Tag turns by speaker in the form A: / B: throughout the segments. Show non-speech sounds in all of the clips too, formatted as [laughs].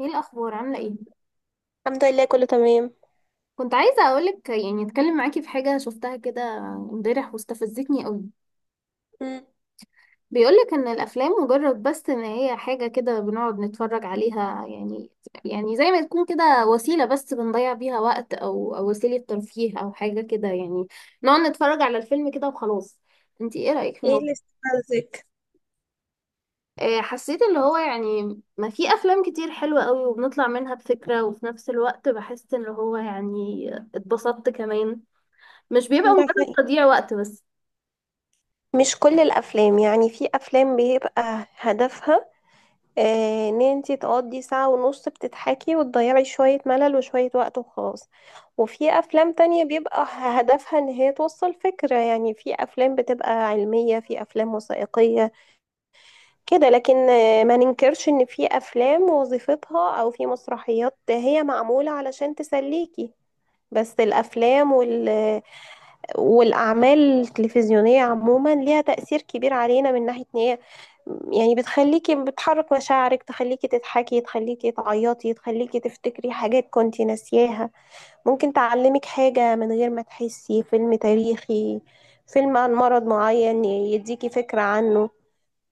A: ايه الاخبار عامله ايه؟
B: الحمد لله، كله تمام.
A: كنت عايزه اقولك يعني اتكلم معاكي في حاجه شفتها كده امبارح واستفزتني قوي.
B: مم.
A: بيقولك ان الافلام مجرد بس ان هي حاجه كده بنقعد نتفرج عليها يعني. يعني زي ما تكون كده وسيله بس بنضيع بيها وقت او وسيله ترفيه او حاجه كده يعني. نقعد نتفرج على الفيلم كده وخلاص. انتي ايه رايك في
B: ايه اللي
A: الموضوع؟
B: استفزك؟
A: حسيت اللي هو يعني ما في افلام كتير حلوه قوي وبنطلع منها بفكره وفي نفس الوقت بحس ان هو يعني اتبسطت كمان. مش بيبقى
B: ده
A: مجرد
B: حقيقي.
A: تضييع وقت بس.
B: مش كل الافلام، يعني في افلام بيبقى هدفها ان انتي تقضي ساعة ونص بتضحكي وتضيعي شوية ملل وشوية وقت وخلاص. وفي افلام تانية بيبقى هدفها ان هي توصل فكرة، يعني في افلام بتبقى علمية، في افلام وثائقية كده. لكن ما ننكرش ان في افلام وظيفتها، او في مسرحيات هي معمولة علشان تسليكي. بس الافلام والأعمال التلفزيونية عموما ليها تأثير كبير علينا، من ناحية إن هي يعني بتخليكي بتحرك مشاعرك، تخليكي تضحكي، تخليكي تعيطي، تخليكي تفتكري حاجات كنتي ناسياها. ممكن تعلمك حاجة من غير ما تحسي، فيلم تاريخي، فيلم عن مرض معين يديكي فكرة عنه.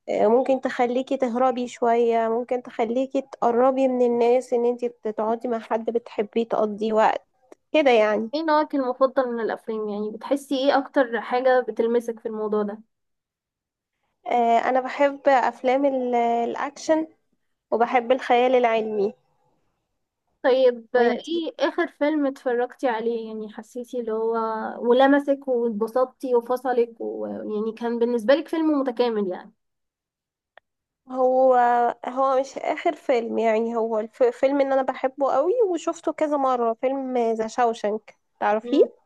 B: ممكن تخليكي تهربي شوية، ممكن تخليكي تقربي من الناس، ان انتي بتقعدي مع حد بتحبيه تقضي وقت كده يعني.
A: ايه نوعك المفضل من الافلام؟ يعني بتحسي ايه اكتر حاجة بتلمسك في الموضوع ده؟
B: انا بحب افلام الاكشن، وبحب الخيال العلمي.
A: طيب
B: وانتي؟
A: ايه اخر فيلم اتفرجتي عليه يعني حسيتي اللي هو ولمسك واتبسطتي وفصلك ويعني كان بالنسبة لك فيلم متكامل يعني؟
B: هو هو مش آخر فيلم، يعني هو الفيلم اللي أنا بحبه قوي وشفته كذا مرة. فيلم ذا شاوشنك،
A: مم.
B: تعرفيه؟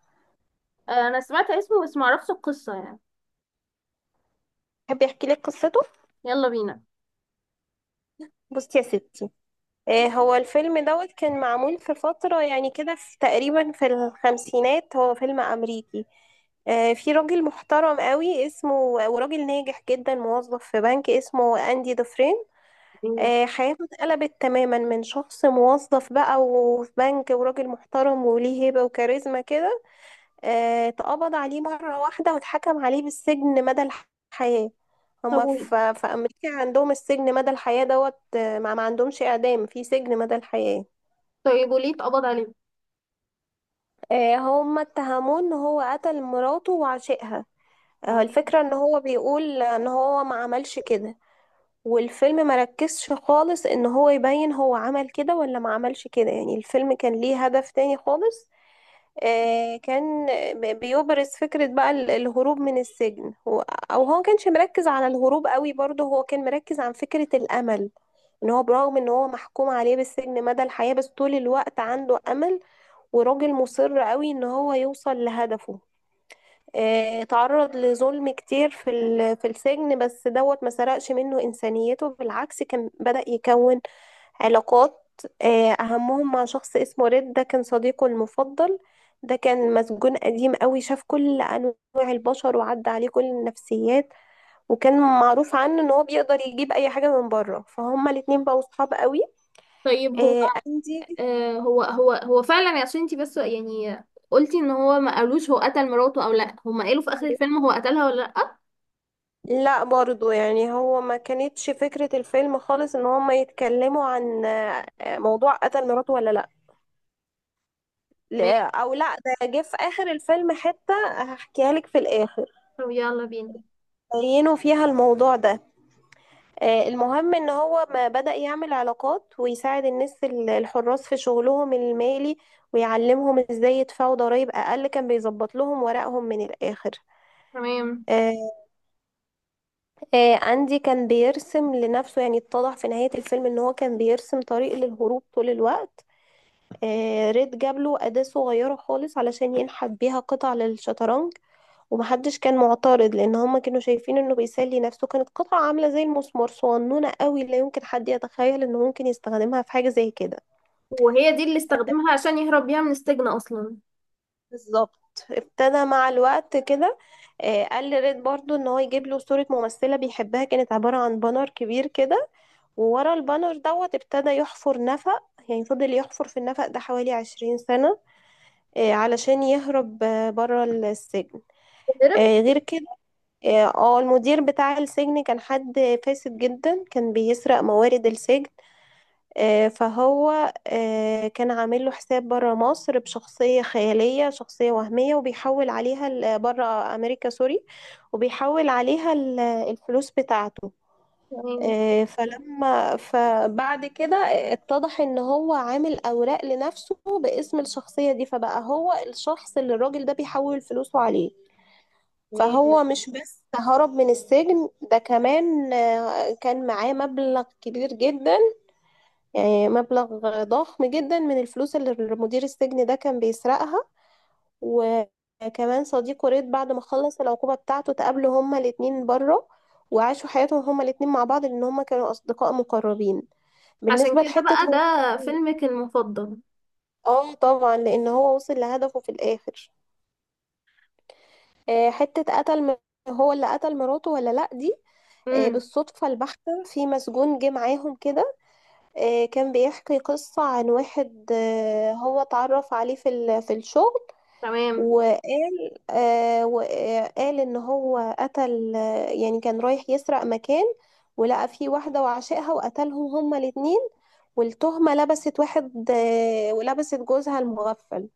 A: انا سمعت اسمه بس معرفش القصة يعني.
B: بحب يحكي لك قصته.
A: يلا بينا.
B: بصي يا ستي. هو الفيلم كان معمول في فترة يعني كده، في تقريبا في الخمسينات. هو فيلم أمريكي. في راجل محترم قوي اسمه، وراجل ناجح جدا، موظف في بنك، اسمه أندي دوفرين.
A: مم.
B: حياته اتقلبت تماما، من شخص موظف بقى وفي بنك، وراجل محترم وليه هيبة وكاريزما كده. اتقبض عليه مرة واحدة، واتحكم عليه بالسجن مدى الحياة.
A: طب
B: هما
A: قولي،
B: في أمريكا عندهم السجن مدى الحياة. ما عندهمش إعدام في سجن مدى الحياة.
A: طيب وليه اتقبض عليه؟
B: هما اتهموه إن هو قتل مراته وعشقها.
A: تمام.
B: الفكرة إن هو بيقول إن هو ما عملش كده. والفيلم مركزش خالص ان هو يبين هو عمل كده ولا ما عملش كده، يعني الفيلم كان ليه هدف تاني خالص. كان بيبرز فكرة بقى الهروب من السجن. هو كانش مركز على الهروب قوي، برضه هو كان مركز عن فكرة الامل. ان هو، برغم ان هو محكوم عليه بالسجن مدى الحياة، بس طول الوقت عنده امل. وراجل مصر قوي ان هو يوصل لهدفه. اتعرض لظلم كتير في السجن، بس ما سرقش منه إنسانيته. بالعكس، كان بدأ يكون علاقات. أهمهم مع شخص اسمه ريد، ده كان صديقه المفضل. ده كان مسجون قديم قوي، شاف كل أنواع البشر وعدى عليه كل النفسيات. وكان معروف عنه إن هو بيقدر يجيب أي حاجة من بره، فهما الاتنين بقوا صحاب قوي.
A: طيب هو
B: أندي.
A: هو فعلا عشان انتي بس يعني قلتي ان هو ما قالوش هو قتل مراته او لا، هما قالوا في اخر الفيلم هو قتلها ولا لا؟
B: لا برضو، يعني هو ما كانتش فكرة الفيلم خالص ان هما يتكلموا عن موضوع قتل مراته ولا لا.
A: تمام.
B: او لا، ده جه في اخر الفيلم حتة هحكيها لك في الاخر،
A: طب يلا بينا.
B: بينوا فيها الموضوع ده. المهم ان هو ما بدأ يعمل علاقات ويساعد الناس الحراس في شغلهم المالي، ويعلمهم ازاي يدفعوا ضرائب اقل، كان بيظبط لهم ورقهم من الاخر.
A: تمام.
B: آه، أندي كان بيرسم لنفسه، يعني اتضح في نهاية الفيلم ان هو كان بيرسم طريق للهروب طول الوقت. ريد جاب له أداة صغيرة خالص علشان ينحت بيها قطع للشطرنج. ومحدش كان معترض، لان هما كانوا شايفين انه بيسلي نفسه. كانت قطعة عاملة زي المسمار، صغنونة قوي، لا يمكن حد يتخيل انه ممكن يستخدمها في حاجة زي كده.
A: وهي دي اللي استخدمها عشان يهرب بيها من السجن اصلا؟
B: بالظبط. ابتدى مع الوقت كده. قال لريد برضو ان هو يجيب له صورة ممثلة بيحبها، كانت عبارة عن بانر كبير كده. وورا البانر ابتدى يحفر نفق. يعني فضل يحفر في النفق ده حوالي 20 سنة، علشان يهرب بره السجن.
A: هرب.
B: غير كده. المدير بتاع السجن كان حد فاسد جدا، كان بيسرق موارد السجن. فهو كان عامل له حساب بره مصر بشخصية خيالية، شخصية وهمية، وبيحول عليها بره أمريكا، سوري، وبيحول عليها الفلوس بتاعته.
A: تمام،
B: فبعد كده اتضح ان هو عامل اوراق لنفسه باسم الشخصية دي، فبقى هو الشخص اللي الراجل ده بيحول فلوسه عليه.
A: تمام.
B: فهو مش بس هرب من السجن، ده كمان كان معاه مبلغ كبير جدا، يعني مبلغ ضخم جدا من الفلوس اللي مدير السجن ده كان بيسرقها. وكمان صديقه ريد، بعد ما خلص العقوبة بتاعته، تقابلوا هما الاتنين بره، وعاشوا حياتهم هما الاتنين مع بعض، لأن هما كانوا أصدقاء مقربين.
A: عشان
B: بالنسبة
A: كده
B: لحتة
A: بقى
B: هو
A: ده
B: قتل.
A: فيلمك المفضل؟
B: اه طبعا، لان هو وصل لهدفه في الاخر. حتة قتل هو اللي قتل مراته ولا لا دي.
A: امم.
B: بالصدفة البحتة، في مسجون جه معاهم كده. كان بيحكي قصة عن واحد، هو اتعرف عليه في الشغل.
A: تمام،
B: وقال ان هو قتل. يعني كان رايح يسرق مكان، ولقى فيه واحدة وعشقها، وقتلهم هما الاتنين. والتهمة لبست واحد، ولبست جوزها المغفل.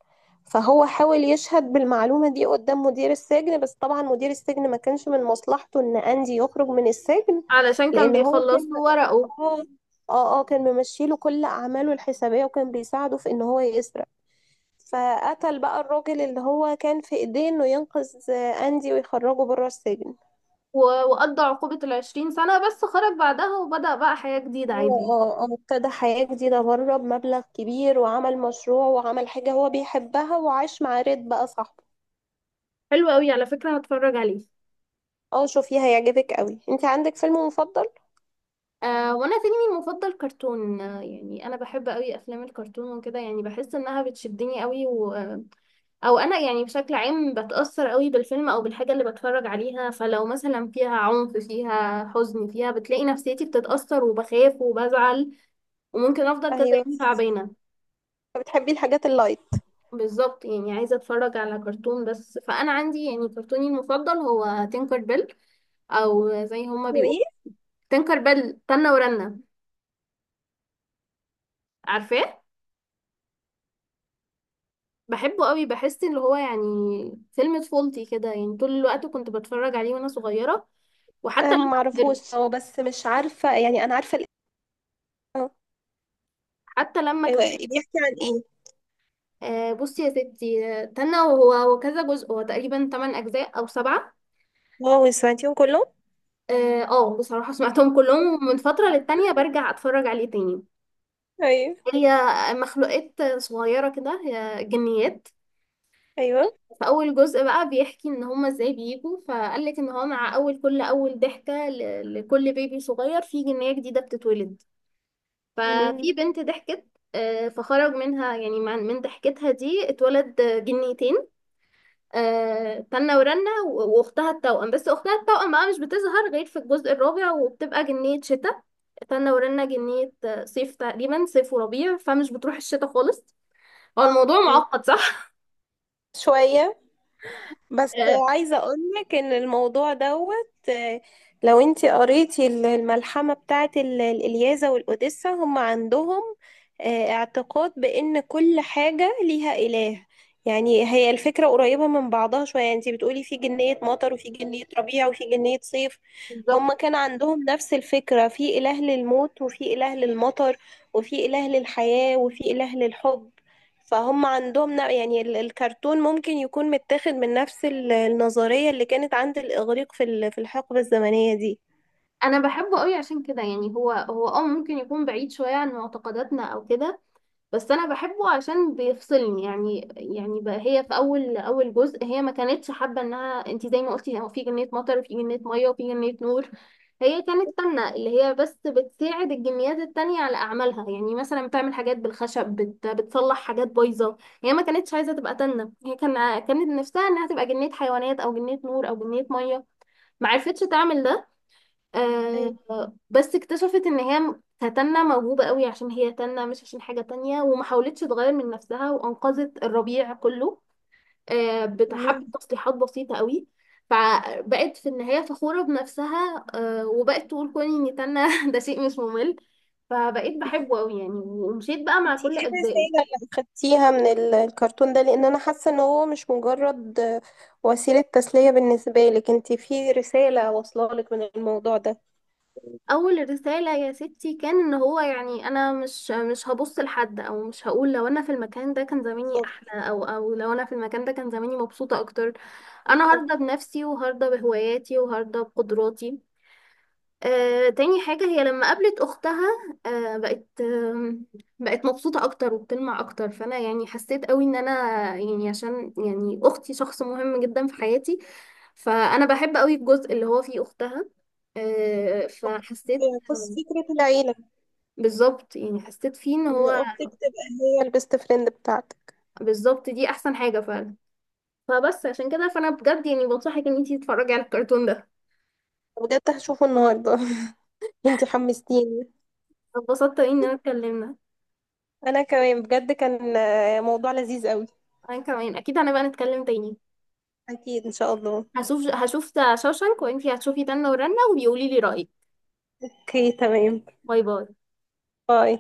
B: فهو حاول يشهد بالمعلومة دي قدام مدير السجن، بس طبعا مدير السجن ما كانش من مصلحته ان اندي يخرج من السجن.
A: علشان كان
B: لان هو
A: بيخلص
B: كان
A: له ورقه.
B: اه كان ممشيله كل اعماله الحسابية، وكان بيساعده في ان هو يسرق. فقتل بقى الراجل اللي هو كان في ايديه انه ينقذ اندي ويخرجه بره السجن.
A: و- وقضى عقوبة العشرين سنة بس خرج بعدها وبدأ بقى حياة جديدة
B: هو
A: عادي؟
B: ابتدى حياة جديدة بره بمبلغ كبير، وعمل مشروع، وعمل حاجة هو بيحبها، وعاش مع ريد بقى صاحبه.
A: حلو قوي، على فكرة هتفرج عليه.
B: اه، شوفيه، هيعجبك قوي. انت عندك فيلم مفضل؟
A: آه، وانا فيلمي المفضل كرتون. يعني انا بحب قوي افلام الكرتون وكده، يعني بحس انها بتشدني قوي و... آه، او انا يعني بشكل عام بتاثر قوي بالفيلم او بالحاجه اللي بتفرج عليها. فلو مثلا فيها عنف، فيها حزن، فيها بتلاقي نفسيتي بتتاثر وبخاف وبزعل، وممكن افضل كذا
B: ايوه،
A: يوم تعبانه.
B: بتحبي الحاجات اللايت.
A: بالظبط، يعني عايزه اتفرج على كرتون بس. فانا عندي يعني كرتوني المفضل هو تينكر بيل، او زي هما
B: هو
A: بيقولوا
B: ايه؟
A: تينكر بيل تنة ورنة. عارفاه؟ بحبه قوي، بحس ان هو يعني فيلم طفولتي كده. يعني طول الوقت كنت بتفرج عليه وانا صغيرة، وحتى لما كبرت.
B: معرفوش هو، بس مش عارفة يعني، انا عارفة اه
A: حتى لما
B: ايوه،
A: كبرت
B: بيحكي عن ايه؟
A: آه بصي يا ستي. تنى، وهو كذا جزء، هو تقريبا 8 اجزاء او سبعة.
B: واو، سمعتيهم كلهم؟
A: بصراحة سمعتهم كلهم، ومن فترة للتانية برجع اتفرج عليه تاني.
B: ايوه،
A: هي مخلوقات صغيرة كده، هي جنيات.
B: ايوه.
A: فأول جزء بقى بيحكي إن هما إزاي بيجوا. فقالك إن هو مع كل أول ضحكة لكل بيبي صغير في جنية جديدة بتتولد.
B: مم.
A: ففي بنت ضحكت، فخرج منها يعني من ضحكتها دي اتولد جنيتين، تنة ورنة واختها التوأم. بس اختها التوأم بقى مش بتظهر غير في الجزء الرابع وبتبقى جنية شتاء. تنة ورنة جنية صيف تقريبا، صيف وربيع، فمش بتروح الشتاء خالص. هو الموضوع معقد صح؟
B: شوية بس.
A: [laughs] آه،
B: عايزة أقولك إن الموضوع لو انتي قريتي الملحمة بتاعت الإلياذة والأوديسة، هم عندهم اعتقاد بإن كل حاجة ليها إله. يعني هي الفكرة قريبة من بعضها شوية، يعني انتي بتقولي في جنية مطر، وفي جنية ربيع، وفي جنية صيف.
A: بالظبط.
B: هم كان عندهم نفس الفكرة، في إله للموت، وفي إله للمطر، وفي إله للحياة، وفي إله للحب. فهم عندهم يعني الكرتون ممكن يكون متاخد من نفس النظرية اللي كانت عند الإغريق في الحقبة الزمنية دي.
A: انا بحبه قوي عشان كده. يعني هو ممكن يكون بعيد شوية عن معتقداتنا او كده، بس انا بحبه عشان بيفصلني. يعني بقى هي في اول جزء هي ما كانتش حابه انها، انت زي ما قلتي هو في جنيه مطر وفي جنيه ميه وفي جنيه نور، هي كانت تنة اللي هي بس بتساعد الجنيات التانية على أعمالها. يعني مثلا بتعمل حاجات بالخشب، بتصلح حاجات بايظة. هي ما كانتش عايزة تبقى تنة، هي كانت نفسها إنها تبقى جنية حيوانات أو جنية نور أو جنية مية. ما عرفتش تعمل ده. آه
B: أيوة.
A: بس اكتشفت ان هي كتنة موهوبة قوي عشان هي تنة، مش عشان حاجة تانية، وما حاولتش تغير من نفسها وانقذت الربيع كله.
B: مم.
A: بحبة تصليحات بسيطة قوي. فبقت في النهاية فخورة بنفسها، وبقت تقول كوني اني تنة [laughs] ده شيء مش ممل. فبقيت بحبه قوي يعني، ومشيت بقى
B: دي
A: مع كل
B: ايه
A: اجزائه.
B: الرسالة اللي أخدتيها من الكرتون ده؟ لأن أنا حاسة إن هو مش مجرد وسيلة تسلية بالنسبة لك. انتي في رسالة واصلة لك من الموضوع ده؟
A: اول رسالة يا ستي كان ان هو يعني انا مش هبص لحد، او مش هقول لو انا في المكان ده كان زماني
B: بالظبط،
A: احلى، او لو انا في المكان ده كان زماني مبسوطة اكتر. انا
B: بالظبط.
A: هرضى بنفسي وهرضى بهواياتي وهرضى بقدراتي. تاني حاجة هي لما قابلت اختها، بقت بقت مبسوطة اكتر وبتلمع اكتر. فانا يعني حسيت قوي ان انا، يعني عشان يعني اختي شخص مهم جدا في حياتي، فانا بحب قوي الجزء اللي هو فيه اختها. فحسيت،
B: بس فكرة العيلة،
A: بالظبط، يعني حسيت فيه ان
B: إن
A: هو
B: أختك تبقى هي البيست فريند بتاعتك.
A: بالظبط دي احسن حاجة فعلا. فبس عشان كده فانا بجد يعني بنصحك ان انتي تتفرجي على الكرتون ده.
B: بجد هشوفه النهاردة. [laughs] انتي حمستيني.
A: اتبسطت أوي ان انا اتكلمنا.
B: انا كمان، بجد كان موضوع لذيذ قوي.
A: انا كمان اكيد هنبقى نتكلم تاني.
B: اكيد، ان شاء الله.
A: هشوف هشوف شوشانك، وانتي هتشوفي تنة ورنة وبيقولي لي رأيك.
B: اوكي، تمام.
A: باي باي.
B: باي.